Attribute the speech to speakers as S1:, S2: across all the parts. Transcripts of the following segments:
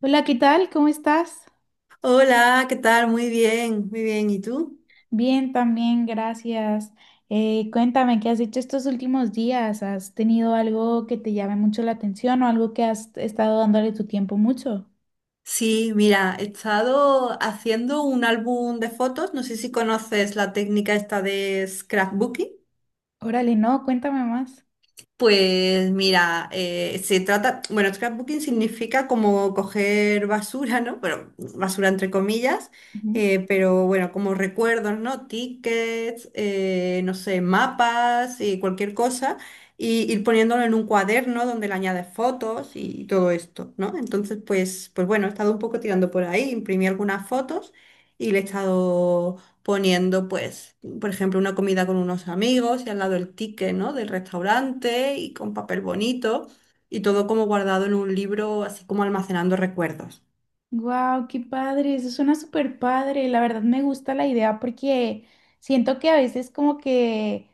S1: Hola, ¿qué tal? ¿Cómo estás?
S2: Hola, ¿qué tal? Muy bien, muy bien. ¿Y tú?
S1: Bien, también, gracias. Cuéntame, ¿qué has hecho estos últimos días? ¿Has tenido algo que te llame mucho la atención o algo que has estado dándole tu tiempo mucho?
S2: Sí, mira, he estado haciendo un álbum de fotos. No sé si conoces la técnica esta de scrapbooking.
S1: Órale, no, cuéntame más.
S2: Pues mira, se trata, bueno, scrapbooking significa como coger basura, ¿no? Pero basura entre comillas, pero bueno, como recuerdos, ¿no? Tickets, no sé, mapas y cualquier cosa, y ir poniéndolo en un cuaderno donde le añades fotos y todo esto, ¿no? Entonces, pues, pues bueno, he estado un poco tirando por ahí, imprimí algunas fotos y le he estado poniendo, pues, por ejemplo, una comida con unos amigos y al lado el ticket, ¿no?, del restaurante y con papel bonito y todo como guardado en un libro, así como almacenando recuerdos.
S1: Wow, qué padre, eso suena súper padre. La verdad me gusta la idea porque siento que a veces como que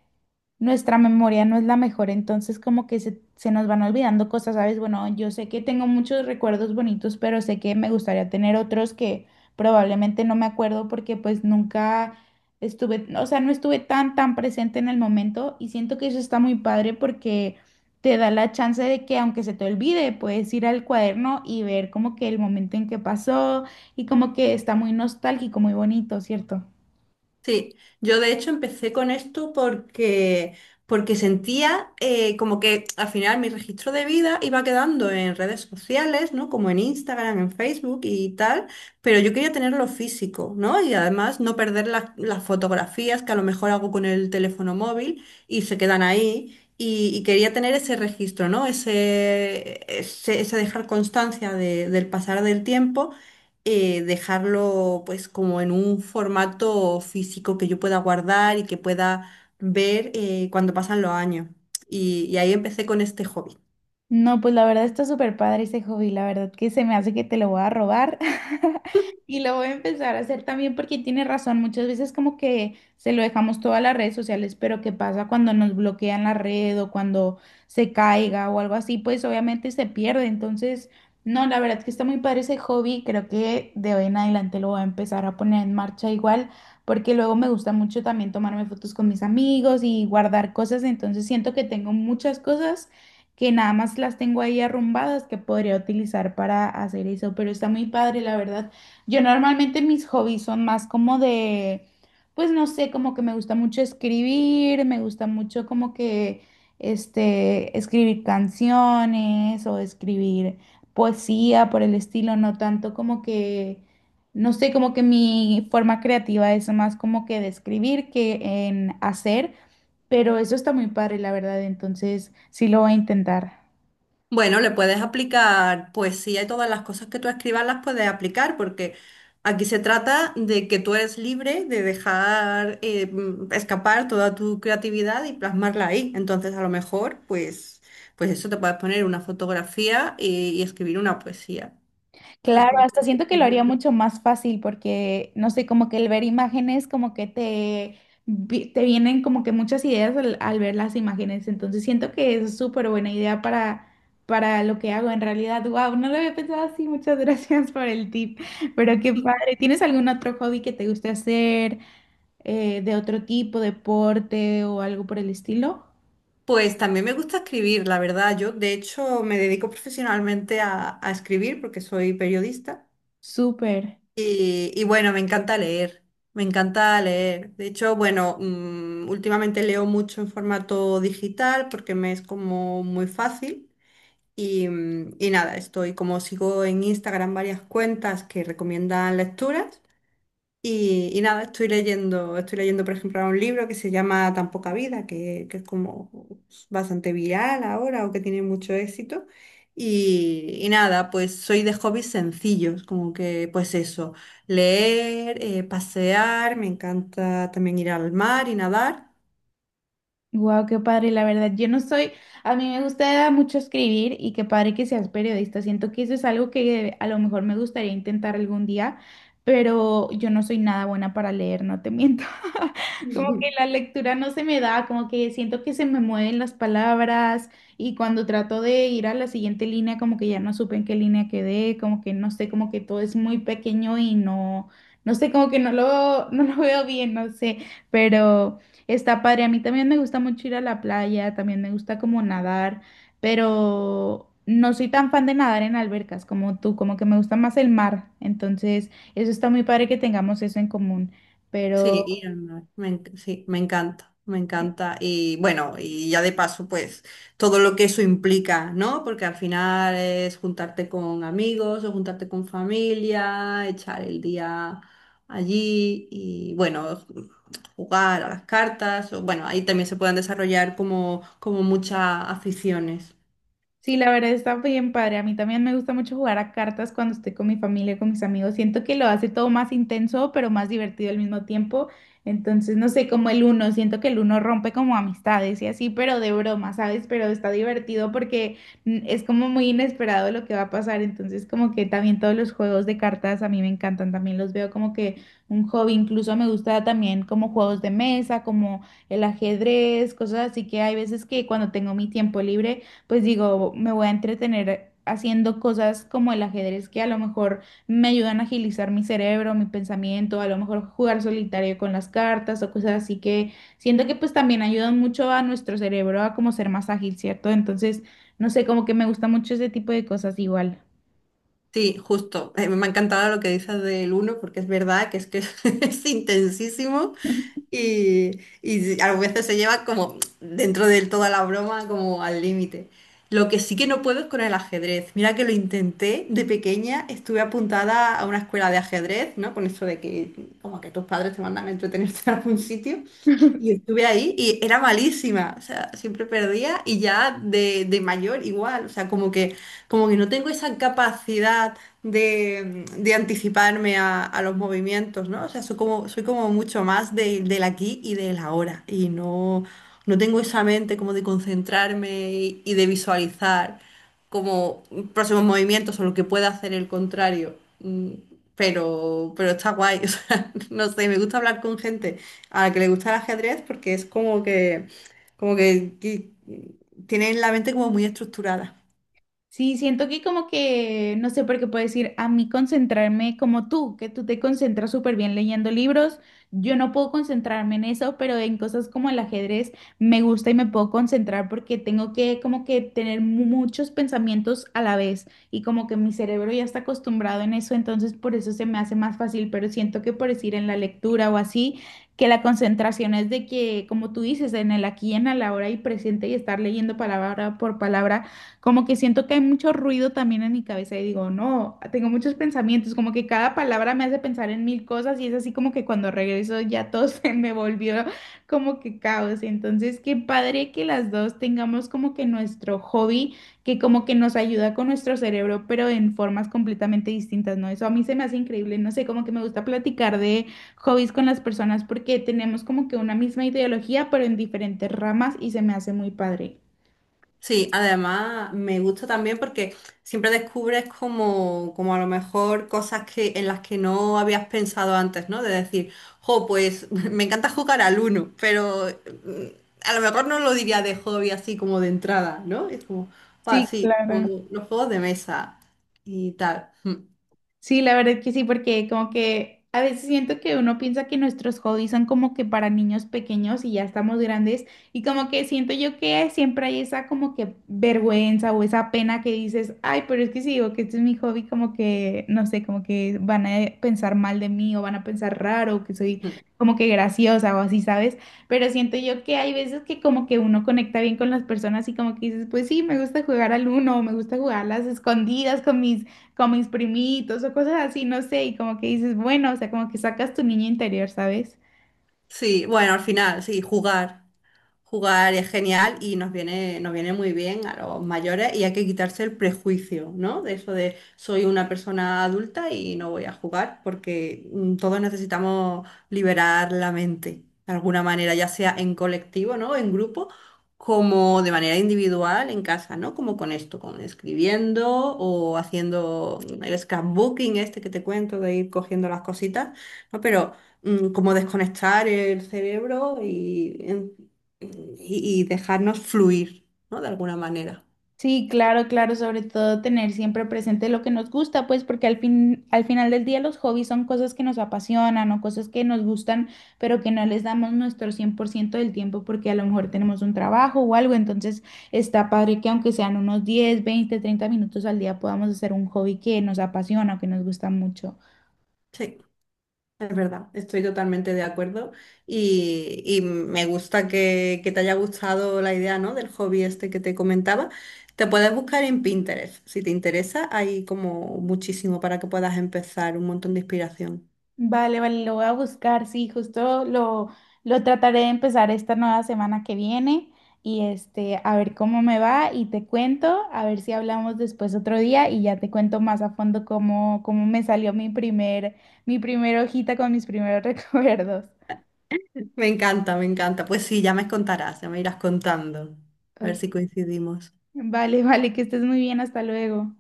S1: nuestra memoria no es la mejor, entonces como que se nos van olvidando cosas, ¿sabes? Bueno, yo sé que tengo muchos recuerdos bonitos, pero sé que me gustaría tener otros que probablemente no me acuerdo porque pues nunca estuve, o sea, no estuve tan presente en el momento y siento que eso está muy padre porque te da la chance de que aunque se te olvide, puedes ir al cuaderno y ver como que el momento en que pasó y como que está muy nostálgico, muy bonito, ¿cierto?
S2: Sí, yo de hecho empecé con esto porque sentía como que al final mi registro de vida iba quedando en redes sociales, ¿no? Como en Instagram, en Facebook y tal, pero yo quería tenerlo físico, ¿no? Y además no perder las fotografías que a lo mejor hago con el teléfono móvil y se quedan ahí. Y quería tener ese registro, ¿no? Ese dejar constancia del pasar del tiempo, dejarlo pues como en un formato físico que yo pueda guardar y que pueda ver, cuando pasan los años. Y ahí empecé con este hobby.
S1: No, pues la verdad está súper padre ese hobby, la verdad que se me hace que te lo voy a robar y lo voy a empezar a hacer también porque tiene razón, muchas veces como que se lo dejamos todas las redes sociales, pero ¿qué pasa cuando nos bloquean la red o cuando se caiga o algo así? Pues obviamente se pierde, entonces no, la verdad que está muy padre ese hobby, creo que de hoy en adelante lo voy a empezar a poner en marcha igual porque luego me gusta mucho también tomarme fotos con mis amigos y guardar cosas, entonces siento que tengo muchas cosas que nada más las tengo ahí arrumbadas que podría utilizar para hacer eso, pero está muy padre, la verdad. Yo normalmente mis hobbies son más como de, pues no sé, como que me gusta mucho escribir, me gusta mucho como que, escribir canciones o escribir poesía por el estilo, no tanto como que... No sé, como que mi forma creativa es más como que de escribir que en hacer. Pero eso está muy padre, la verdad, entonces sí lo voy a intentar.
S2: Bueno, le puedes aplicar poesía y todas las cosas que tú escribas las puedes aplicar porque aquí se trata de que tú eres libre de dejar escapar toda tu creatividad y plasmarla ahí. Entonces, a lo mejor, pues, pues eso te puedes poner una fotografía y escribir una poesía, por
S1: Claro, sí. Hasta
S2: ejemplo.
S1: siento que lo haría mucho más fácil porque, no sé, como que el ver imágenes, como que te, te vienen como que muchas ideas al ver las imágenes, entonces siento que es súper buena idea para lo que hago en realidad. Wow, no lo había pensado así, muchas gracias por el tip, pero qué padre. ¿Tienes algún otro hobby que te guste hacer de otro tipo, deporte o algo por el estilo?
S2: Pues también me gusta escribir, la verdad. Yo, de hecho, me dedico profesionalmente a escribir porque soy periodista.
S1: Súper.
S2: Y bueno, me encanta leer, me encanta leer. De hecho, bueno, últimamente leo mucho en formato digital porque me es como muy fácil. Y, y nada, estoy como sigo en Instagram varias cuentas que recomiendan lecturas. Y nada, estoy leyendo, por ejemplo, ahora un libro que se llama Tan poca vida, que es como bastante viral ahora o que tiene mucho éxito. Y nada, pues soy de hobbies sencillos, como que pues eso, leer, pasear, me encanta también ir al mar y nadar.
S1: Wow, qué padre, la verdad. Yo no soy, a mí me gusta mucho escribir y qué padre que seas periodista. Siento que eso es algo que a lo mejor me gustaría intentar algún día, pero yo no soy nada buena para leer, no te miento. Como que la lectura no se me da, como que siento que se me mueven las palabras y cuando trato de ir a la siguiente línea, como que ya no supe en qué línea quedé, como que no sé, como que todo es muy pequeño y no, no sé, como que no lo, no lo veo bien, no sé, pero... Está padre, a mí también me gusta mucho ir a la playa, también me gusta como nadar, pero no soy tan fan de nadar en albercas como tú, como que me gusta más el mar, entonces eso está muy padre que tengamos eso en común,
S2: Sí,
S1: pero
S2: ir al mar, sí, me encanta, me encanta. Y bueno, y ya de paso, pues todo lo que eso implica, ¿no? Porque al final es juntarte con amigos o juntarte con familia, echar el día allí y bueno, jugar a las cartas. O, bueno, ahí también se pueden desarrollar como muchas aficiones.
S1: sí, la verdad está bien padre. A mí también me gusta mucho jugar a cartas cuando estoy con mi familia, con mis amigos. Siento que lo hace todo más intenso, pero más divertido al mismo tiempo. Entonces, no sé, como el uno, siento que el uno rompe como amistades y así, pero de broma, ¿sabes? Pero está divertido porque es como muy inesperado lo que va a pasar. Entonces, como que también todos los juegos de cartas a mí me encantan. También los veo como que un hobby. Incluso me gusta también como juegos de mesa, como el ajedrez, cosas así que hay veces que cuando tengo mi tiempo libre pues digo, me voy a entretener haciendo cosas como el ajedrez que a lo mejor me ayudan a agilizar mi cerebro, mi pensamiento, a lo mejor jugar solitario con las cartas o cosas así que siento que pues también ayudan mucho a nuestro cerebro a como ser más ágil, ¿cierto? Entonces, no sé, como que me gusta mucho ese tipo de cosas igual.
S2: Sí, justo. Me ha encantado lo que dices del uno, porque es verdad que es que es intensísimo y a veces se lleva como dentro de toda la broma como al límite. Lo que sí que no puedo es con el ajedrez. Mira que lo intenté de pequeña, estuve apuntada a una escuela de ajedrez, ¿no? Con eso de que como que tus padres te mandan a entretenerte en algún sitio. Y estuve ahí y era malísima, o sea, siempre perdía y ya de mayor igual, o sea, como que no tengo esa capacidad de anticiparme a los movimientos, ¿no? O sea, soy como mucho más del aquí y del ahora. Y no, no tengo esa mente como de concentrarme y de visualizar como próximos movimientos o lo que pueda hacer el contrario. Pero está guay. O sea, no sé, me gusta hablar con gente a la que le gusta el ajedrez porque es como que, como que tienen la mente como muy estructurada.
S1: Sí, siento que como que, no sé por qué puedo decir, a mí concentrarme como tú, que tú te concentras súper bien leyendo libros, yo no puedo concentrarme en eso, pero en cosas como el ajedrez me gusta y me puedo concentrar porque tengo que como que tener muchos pensamientos a la vez y como que mi cerebro ya está acostumbrado en eso, entonces por eso se me hace más fácil, pero siento que por decir en la lectura o así, que la concentración es de que, como tú dices, en el aquí y en el ahora y presente y estar leyendo palabra por palabra. Como que siento que hay mucho ruido también en mi cabeza y digo, no, tengo muchos pensamientos, como que cada palabra me hace pensar en mil cosas y es así como que cuando regreso ya todo se me volvió como que caos. Entonces, qué padre que las dos tengamos como que nuestro hobby, que como que nos ayuda con nuestro cerebro, pero en formas completamente distintas, ¿no? Eso a mí se me hace increíble, no sé, como que me gusta platicar de hobbies con las personas porque tenemos como que una misma ideología, pero en diferentes ramas y se me hace muy padre.
S2: Sí, además me gusta también porque siempre descubres como, como a lo mejor cosas que, en las que no habías pensado antes, ¿no? De decir, jo, pues me encanta jugar al uno, pero mm, a lo mejor no lo diría de hobby así como de entrada, ¿no? Es como, pa,
S1: Sí,
S2: sí,
S1: claro.
S2: como los juegos de mesa y tal.
S1: Sí, la verdad que sí, porque como que a veces siento que uno piensa que nuestros hobbies son como que para niños pequeños y ya estamos grandes y como que siento yo que siempre hay esa como que vergüenza o esa pena que dices, ay, pero es que si digo que este es mi hobby, como que, no sé, como que van a pensar mal de mí o van a pensar raro, que soy
S2: Mm.
S1: como que graciosa o así, ¿sabes? Pero siento yo que hay veces que como que uno conecta bien con las personas y como que dices, pues sí, me gusta jugar al uno, o me gusta jugar a las escondidas con mis primitos o cosas así, no sé, y como que dices, bueno, o sea, como que sacas tu niño interior, ¿sabes?
S2: Sí, bueno, al final, sí, jugar. Jugar es genial y nos viene muy bien a los mayores y hay que quitarse el prejuicio, ¿no? De eso de soy una persona adulta y no voy a jugar, porque todos necesitamos liberar la mente de alguna manera, ya sea en colectivo, ¿no?, en grupo, como de manera individual en casa, ¿no? Como con esto, con escribiendo o haciendo el scrapbooking este que te cuento de ir cogiendo las cositas, ¿no? Pero como desconectar el cerebro eh, y dejarnos fluir, ¿no? De alguna manera.
S1: Sí, claro, claro, sobre todo tener siempre presente lo que nos gusta, pues porque al fin, al final del día los hobbies son cosas que nos apasionan o cosas que nos gustan, pero que no les damos nuestro 100% del tiempo porque a lo mejor tenemos un trabajo o algo, entonces está padre que aunque sean unos 10, 20, 30 minutos al día podamos hacer un hobby que nos apasiona o que nos gusta mucho.
S2: Sí, es verdad, estoy totalmente de acuerdo y me gusta que te haya gustado la idea, ¿no? Del hobby este que te comentaba. Te puedes buscar en Pinterest, si te interesa, hay como muchísimo para que puedas empezar, un montón de inspiración.
S1: Vale, vale, lo voy a buscar, sí, justo lo trataré de empezar esta nueva semana que viene y a ver cómo me va y te cuento, a ver si hablamos después otro día y ya te cuento más a fondo cómo, cómo me salió mi primer, mi primera hojita con mis primeros recuerdos.
S2: Me encanta, me encanta. Pues sí, ya me contarás, ya me irás contando. A ver
S1: Ok.
S2: si coincidimos.
S1: Vale, vale, que estés muy bien, hasta luego.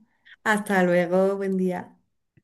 S2: Hasta luego, buen día.